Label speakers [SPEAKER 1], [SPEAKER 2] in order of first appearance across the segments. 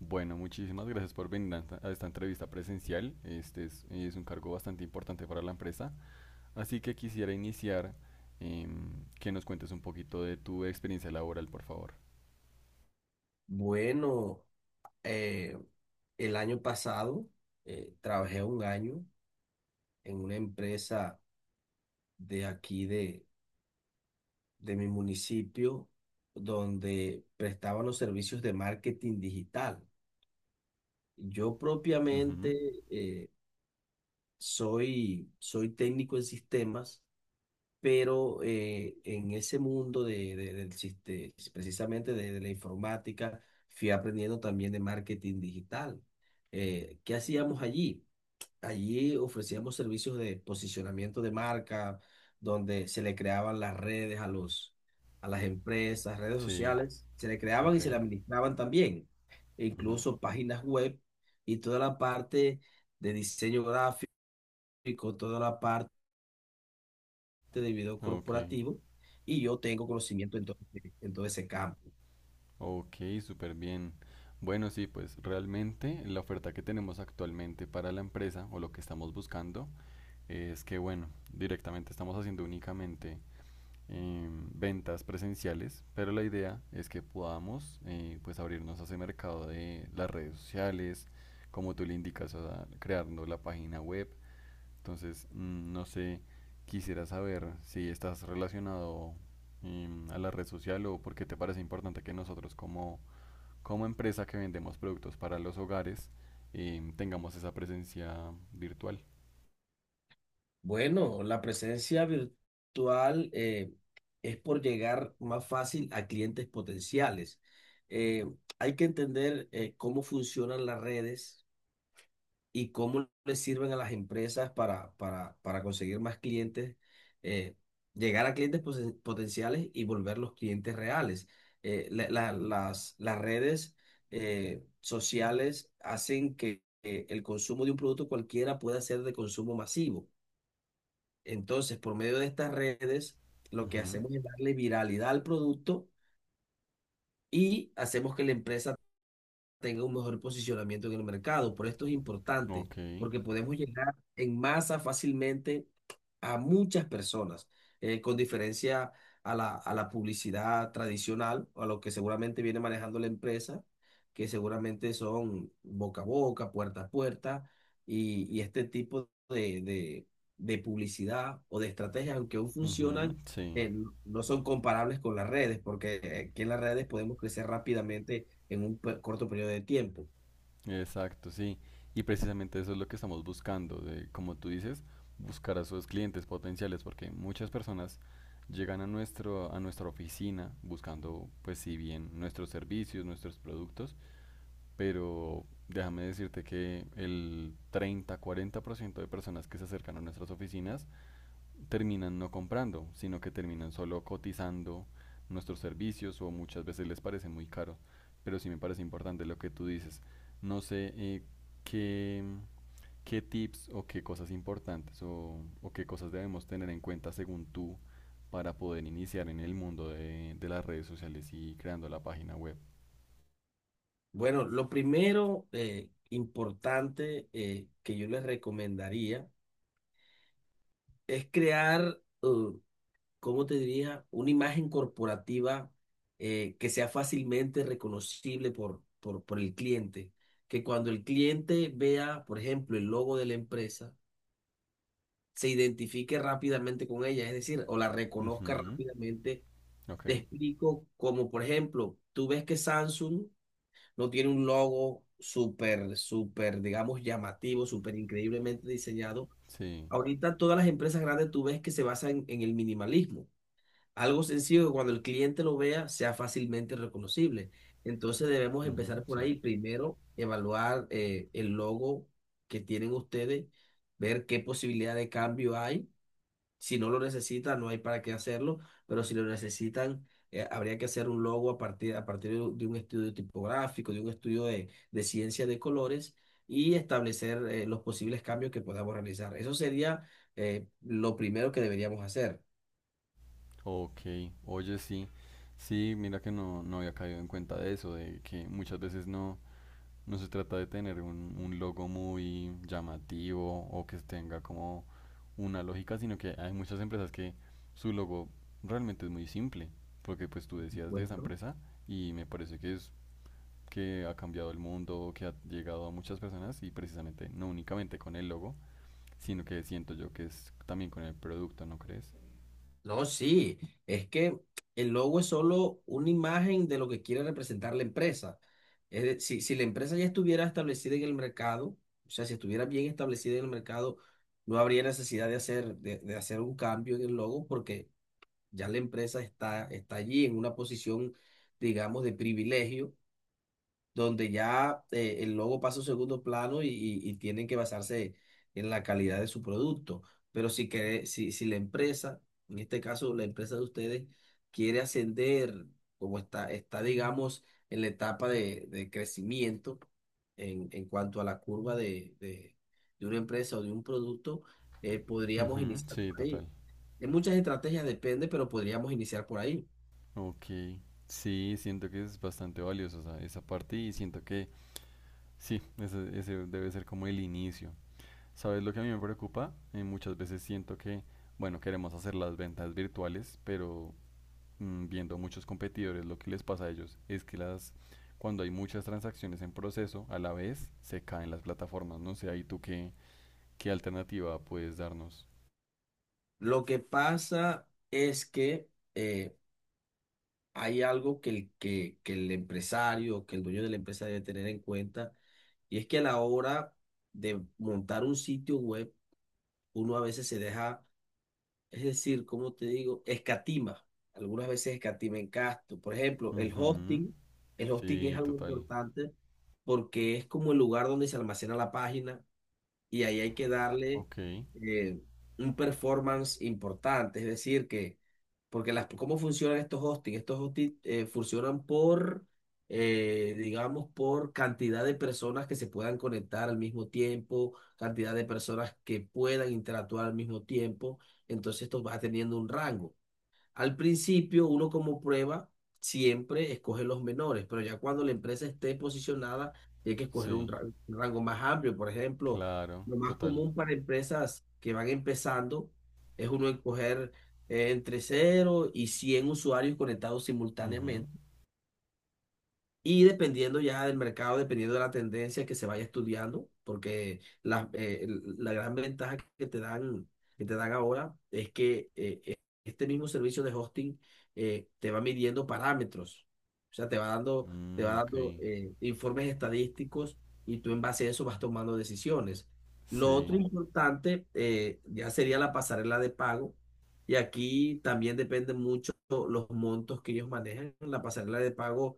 [SPEAKER 1] Bueno, muchísimas gracias por venir a esta entrevista presencial. Este es un cargo bastante importante para la empresa. Así que quisiera iniciar que nos cuentes un poquito de tu experiencia laboral, por favor.
[SPEAKER 2] Bueno, eh, el año pasado trabajé un año en una empresa de aquí de mi municipio donde prestaban los servicios de marketing digital. Yo propiamente
[SPEAKER 1] Ujú,
[SPEAKER 2] soy técnico en sistemas, pero en ese mundo precisamente de la informática fui aprendiendo también de marketing digital. ¿Qué hacíamos allí? Allí ofrecíamos servicios de posicionamiento de marca, donde se le creaban las redes a las empresas, redes
[SPEAKER 1] sí,
[SPEAKER 2] sociales, se le creaban
[SPEAKER 1] ok.
[SPEAKER 2] y se le administraban también, e
[SPEAKER 1] Ujú,
[SPEAKER 2] incluso páginas web y toda la parte de diseño gráfico, toda la parte de video
[SPEAKER 1] ok,
[SPEAKER 2] corporativo, y yo tengo conocimiento en todo ese campo.
[SPEAKER 1] ok, súper bien. Bueno, sí, pues realmente la oferta que tenemos actualmente para la empresa o lo que estamos buscando es que, bueno, directamente estamos haciendo únicamente eh, ventas presenciales, pero la idea es que podamos pues abrirnos a ese mercado de las redes sociales, como tú le indicas, o sea, creando la página web. Entonces, no sé, quisiera saber si estás relacionado a la red social, o por qué te parece importante que nosotros como empresa que vendemos productos para los hogares, tengamos esa presencia virtual.
[SPEAKER 2] Bueno, la presencia virtual es por llegar más fácil a clientes potenciales. Eh, hay que entender cómo funcionan las redes y cómo les sirven a las empresas para conseguir más clientes, eh, llegar a clientes potenciales y volverlos clientes reales. Las redes sociales hacen que el consumo de un producto cualquiera pueda ser de consumo masivo. Entonces, por medio de estas redes, lo que
[SPEAKER 1] Ujú,
[SPEAKER 2] hacemos es darle viralidad al producto y hacemos que la empresa tenga un mejor posicionamiento en el mercado. Por esto es importante,
[SPEAKER 1] ok,
[SPEAKER 2] porque podemos llegar en masa fácilmente a muchas personas, con diferencia a la publicidad tradicional, a lo que seguramente viene manejando la empresa, que seguramente son boca a boca, puerta a puerta, y este tipo de publicidad o de estrategias, aunque aún
[SPEAKER 1] ujú,
[SPEAKER 2] funcionan,
[SPEAKER 1] sí.
[SPEAKER 2] no son comparables con las redes, porque aquí en las redes podemos crecer rápidamente en un corto periodo de tiempo.
[SPEAKER 1] Exacto, sí. Y precisamente eso es lo que estamos buscando, de, como tú dices, buscar a sus clientes potenciales, porque muchas personas llegan a nuestra oficina buscando, pues si bien nuestros servicios, nuestros productos, pero déjame decirte que el 30, 40 % de personas que se acercan a nuestras oficinas terminan no comprando, sino que terminan solo cotizando nuestros servicios, o muchas veces les parece muy caro. Pero sí me parece importante lo que tú dices. No sé, qué, qué tips o qué cosas importantes, o qué cosas debemos tener en cuenta según tú para poder iniciar en el mundo de las redes sociales y creando la página web.
[SPEAKER 2] Bueno, lo primero importante que yo les recomendaría es ¿cómo te diría? Una imagen corporativa que sea fácilmente reconocible por el cliente. Que cuando el cliente vea, por ejemplo, el logo de la empresa, se identifique rápidamente con ella, es decir, o la reconozca
[SPEAKER 1] Ujú,
[SPEAKER 2] rápidamente.
[SPEAKER 1] ok,
[SPEAKER 2] Te explico, como por ejemplo, tú ves que Samsung no tiene un logo digamos, llamativo, súper increíblemente diseñado.
[SPEAKER 1] sí,
[SPEAKER 2] Ahorita todas las empresas grandes tú ves que se basan en el minimalismo. Algo sencillo que cuando el cliente lo vea sea fácilmente reconocible. Entonces debemos
[SPEAKER 1] ujú,
[SPEAKER 2] empezar por
[SPEAKER 1] sí.
[SPEAKER 2] ahí. Primero, evaluar el logo que tienen ustedes, ver qué posibilidad de cambio hay si no lo necesitan, no hay para qué hacerlo, pero si lo necesitan, habría que hacer un logo a partir de un estudio tipográfico, de un estudio de ciencia de colores y establecer los posibles cambios que podamos realizar. Eso sería lo primero que deberíamos hacer.
[SPEAKER 1] Ok, oye, sí. Sí, mira que no había caído en cuenta de eso, de que muchas veces no. No se trata de tener un logo muy llamativo o que tenga como una lógica, sino que hay muchas empresas que su logo realmente es muy simple, porque pues tú decías de esa
[SPEAKER 2] Supuesto.
[SPEAKER 1] empresa y me parece que es que ha cambiado el mundo, que ha llegado a muchas personas y precisamente no únicamente con el logo, sino que siento yo que es también con el producto, ¿no crees?
[SPEAKER 2] No, sí, es que el logo es solo una imagen de lo que quiere representar la empresa. Si, si la empresa ya estuviera establecida en el mercado, o sea, si estuviera bien establecida en el mercado, no habría necesidad de hacer un cambio en el logo porque ya la empresa está allí en una posición, digamos, de privilegio donde ya el logo pasa a un segundo plano y tienen que basarse en la calidad de su producto. Pero si la empresa, en este caso la empresa de ustedes, quiere ascender, como está, digamos, en la etapa de crecimiento en cuanto a la curva de una empresa o de un producto, podríamos
[SPEAKER 1] Ujú,
[SPEAKER 2] iniciar
[SPEAKER 1] sí,
[SPEAKER 2] por
[SPEAKER 1] total.
[SPEAKER 2] ahí. De muchas estrategias depende, pero podríamos iniciar por ahí.
[SPEAKER 1] Ok. Sí, siento que es bastante valioso, o sea, esa parte, y siento que sí, ese debe ser como el inicio. ¿Sabes lo que a mí me preocupa? Muchas veces siento que, bueno, queremos hacer las ventas virtuales, pero viendo muchos competidores, lo que les pasa a ellos es que las, cuando hay muchas transacciones en proceso, a la vez se caen las plataformas. No sé, ahí tú qué alternativa puedes darnos.
[SPEAKER 2] Lo que pasa es que... eh, hay algo que el empresario, que el dueño de la empresa debe tener en cuenta, y es que a la hora de montar un sitio web, uno a veces se deja, es decir, como te digo, escatima, algunas veces escatima en gasto. Por ejemplo,
[SPEAKER 1] Ujú,
[SPEAKER 2] el hosting es
[SPEAKER 1] sí,
[SPEAKER 2] algo
[SPEAKER 1] total.
[SPEAKER 2] importante porque es como el lugar donde se almacena la página, y ahí hay que darle
[SPEAKER 1] Ok,
[SPEAKER 2] eh, un performance importante, es decir, que, porque las, ¿cómo funcionan estos hosting? Estos hosting funcionan digamos, por cantidad de personas que se puedan conectar al mismo tiempo, cantidad de personas que puedan interactuar al mismo tiempo, entonces esto va teniendo un rango. Al principio, uno como prueba siempre escoge los menores, pero ya cuando la empresa esté posicionada, tiene que escoger un
[SPEAKER 1] sí,
[SPEAKER 2] un rango más amplio. Por ejemplo,
[SPEAKER 1] claro,
[SPEAKER 2] lo más
[SPEAKER 1] total.
[SPEAKER 2] común para empresas que van empezando es uno escoger entre cero y 100 usuarios conectados
[SPEAKER 1] Ujú,
[SPEAKER 2] simultáneamente y dependiendo ya del mercado, dependiendo de la tendencia que se vaya estudiando, porque la gran ventaja que te dan ahora es que este mismo servicio de hosting te va midiendo parámetros, o sea, te
[SPEAKER 1] mm,
[SPEAKER 2] va
[SPEAKER 1] ok,
[SPEAKER 2] dando informes estadísticos y tú en base a eso vas tomando decisiones. Lo otro
[SPEAKER 1] sí.
[SPEAKER 2] importante ya sería la pasarela de pago. Y aquí también depende mucho los montos que ellos manejan. La pasarela de pago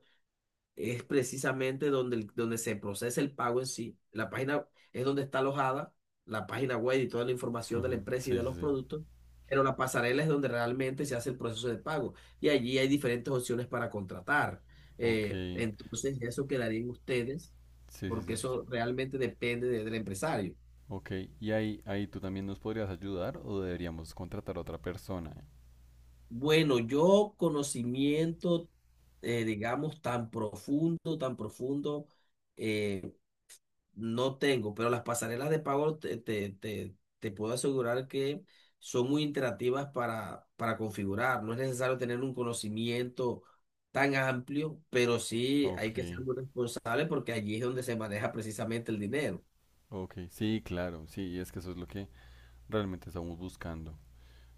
[SPEAKER 2] es precisamente donde se procesa el pago en sí. La página es donde está alojada la página web y toda la información de la empresa y
[SPEAKER 1] Sí,
[SPEAKER 2] de
[SPEAKER 1] sí,
[SPEAKER 2] los
[SPEAKER 1] sí.
[SPEAKER 2] productos, pero la pasarela es donde realmente se hace el proceso de pago y allí hay diferentes opciones para contratar.
[SPEAKER 1] Ok,
[SPEAKER 2] Entonces, eso quedaría en ustedes,
[SPEAKER 1] sí, sí,
[SPEAKER 2] porque
[SPEAKER 1] sí.
[SPEAKER 2] eso realmente depende del empresario.
[SPEAKER 1] Ok, y ahí tú también nos podrías ayudar, o deberíamos contratar a otra persona.
[SPEAKER 2] Bueno, yo conocimiento, digamos, tan profundo, tan profundo, eh, no tengo, pero las pasarelas de pago te puedo asegurar que son muy interactivas para configurar. No es necesario tener un conocimiento tan amplio, pero sí hay
[SPEAKER 1] Ok,
[SPEAKER 2] que ser muy responsable porque allí es donde se maneja precisamente el dinero.
[SPEAKER 1] ok, sí, claro, sí, es que eso es lo que realmente estamos buscando.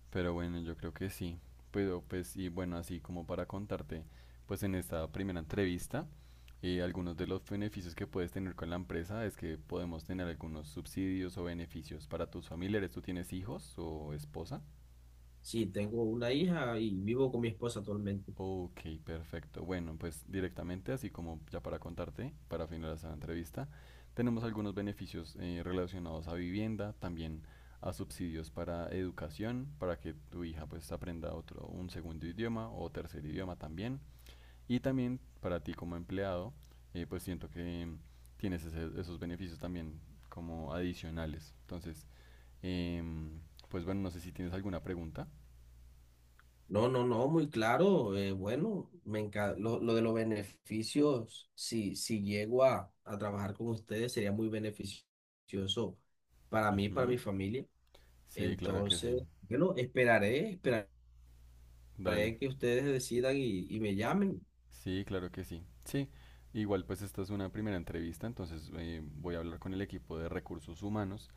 [SPEAKER 1] Pero bueno, yo creo que sí. Pero pues, y bueno, así como para contarte, pues en esta primera entrevista, algunos de los beneficios que puedes tener con la empresa es que podemos tener algunos subsidios o beneficios para tus familiares. ¿Tú tienes hijos o esposa?
[SPEAKER 2] Sí, tengo una hija y vivo con mi esposa actualmente.
[SPEAKER 1] Ok, perfecto. Bueno, pues directamente, así como ya para contarte, para finalizar la entrevista, tenemos algunos beneficios relacionados a vivienda, también a subsidios para educación, para que tu hija pues aprenda un segundo idioma o tercer idioma también. Y también para ti como empleado, pues siento que tienes esos beneficios también como adicionales. Entonces, em, pues bueno, no sé si tienes alguna pregunta.
[SPEAKER 2] No, no, no, muy claro. Eh, bueno, me encanta. Lo de los beneficios, si, si llego a trabajar con ustedes, sería muy beneficioso para mí, para
[SPEAKER 1] Ujú.
[SPEAKER 2] mi familia.
[SPEAKER 1] Sí, claro que sí.
[SPEAKER 2] Entonces, bueno, esperaré, esperaré
[SPEAKER 1] Dale.
[SPEAKER 2] que ustedes decidan y me llamen.
[SPEAKER 1] Sí, claro que sí. Sí, igual pues esta es una primera entrevista, entonces voy a hablar con el equipo de recursos humanos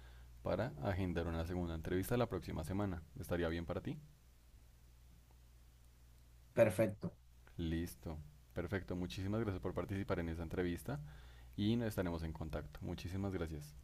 [SPEAKER 1] para agendar una segunda entrevista la próxima semana. ¿Estaría bien para ti?
[SPEAKER 2] Perfecto.
[SPEAKER 1] Listo. Perfecto. Muchísimas gracias por participar en esa entrevista y nos estaremos en contacto. Muchísimas gracias.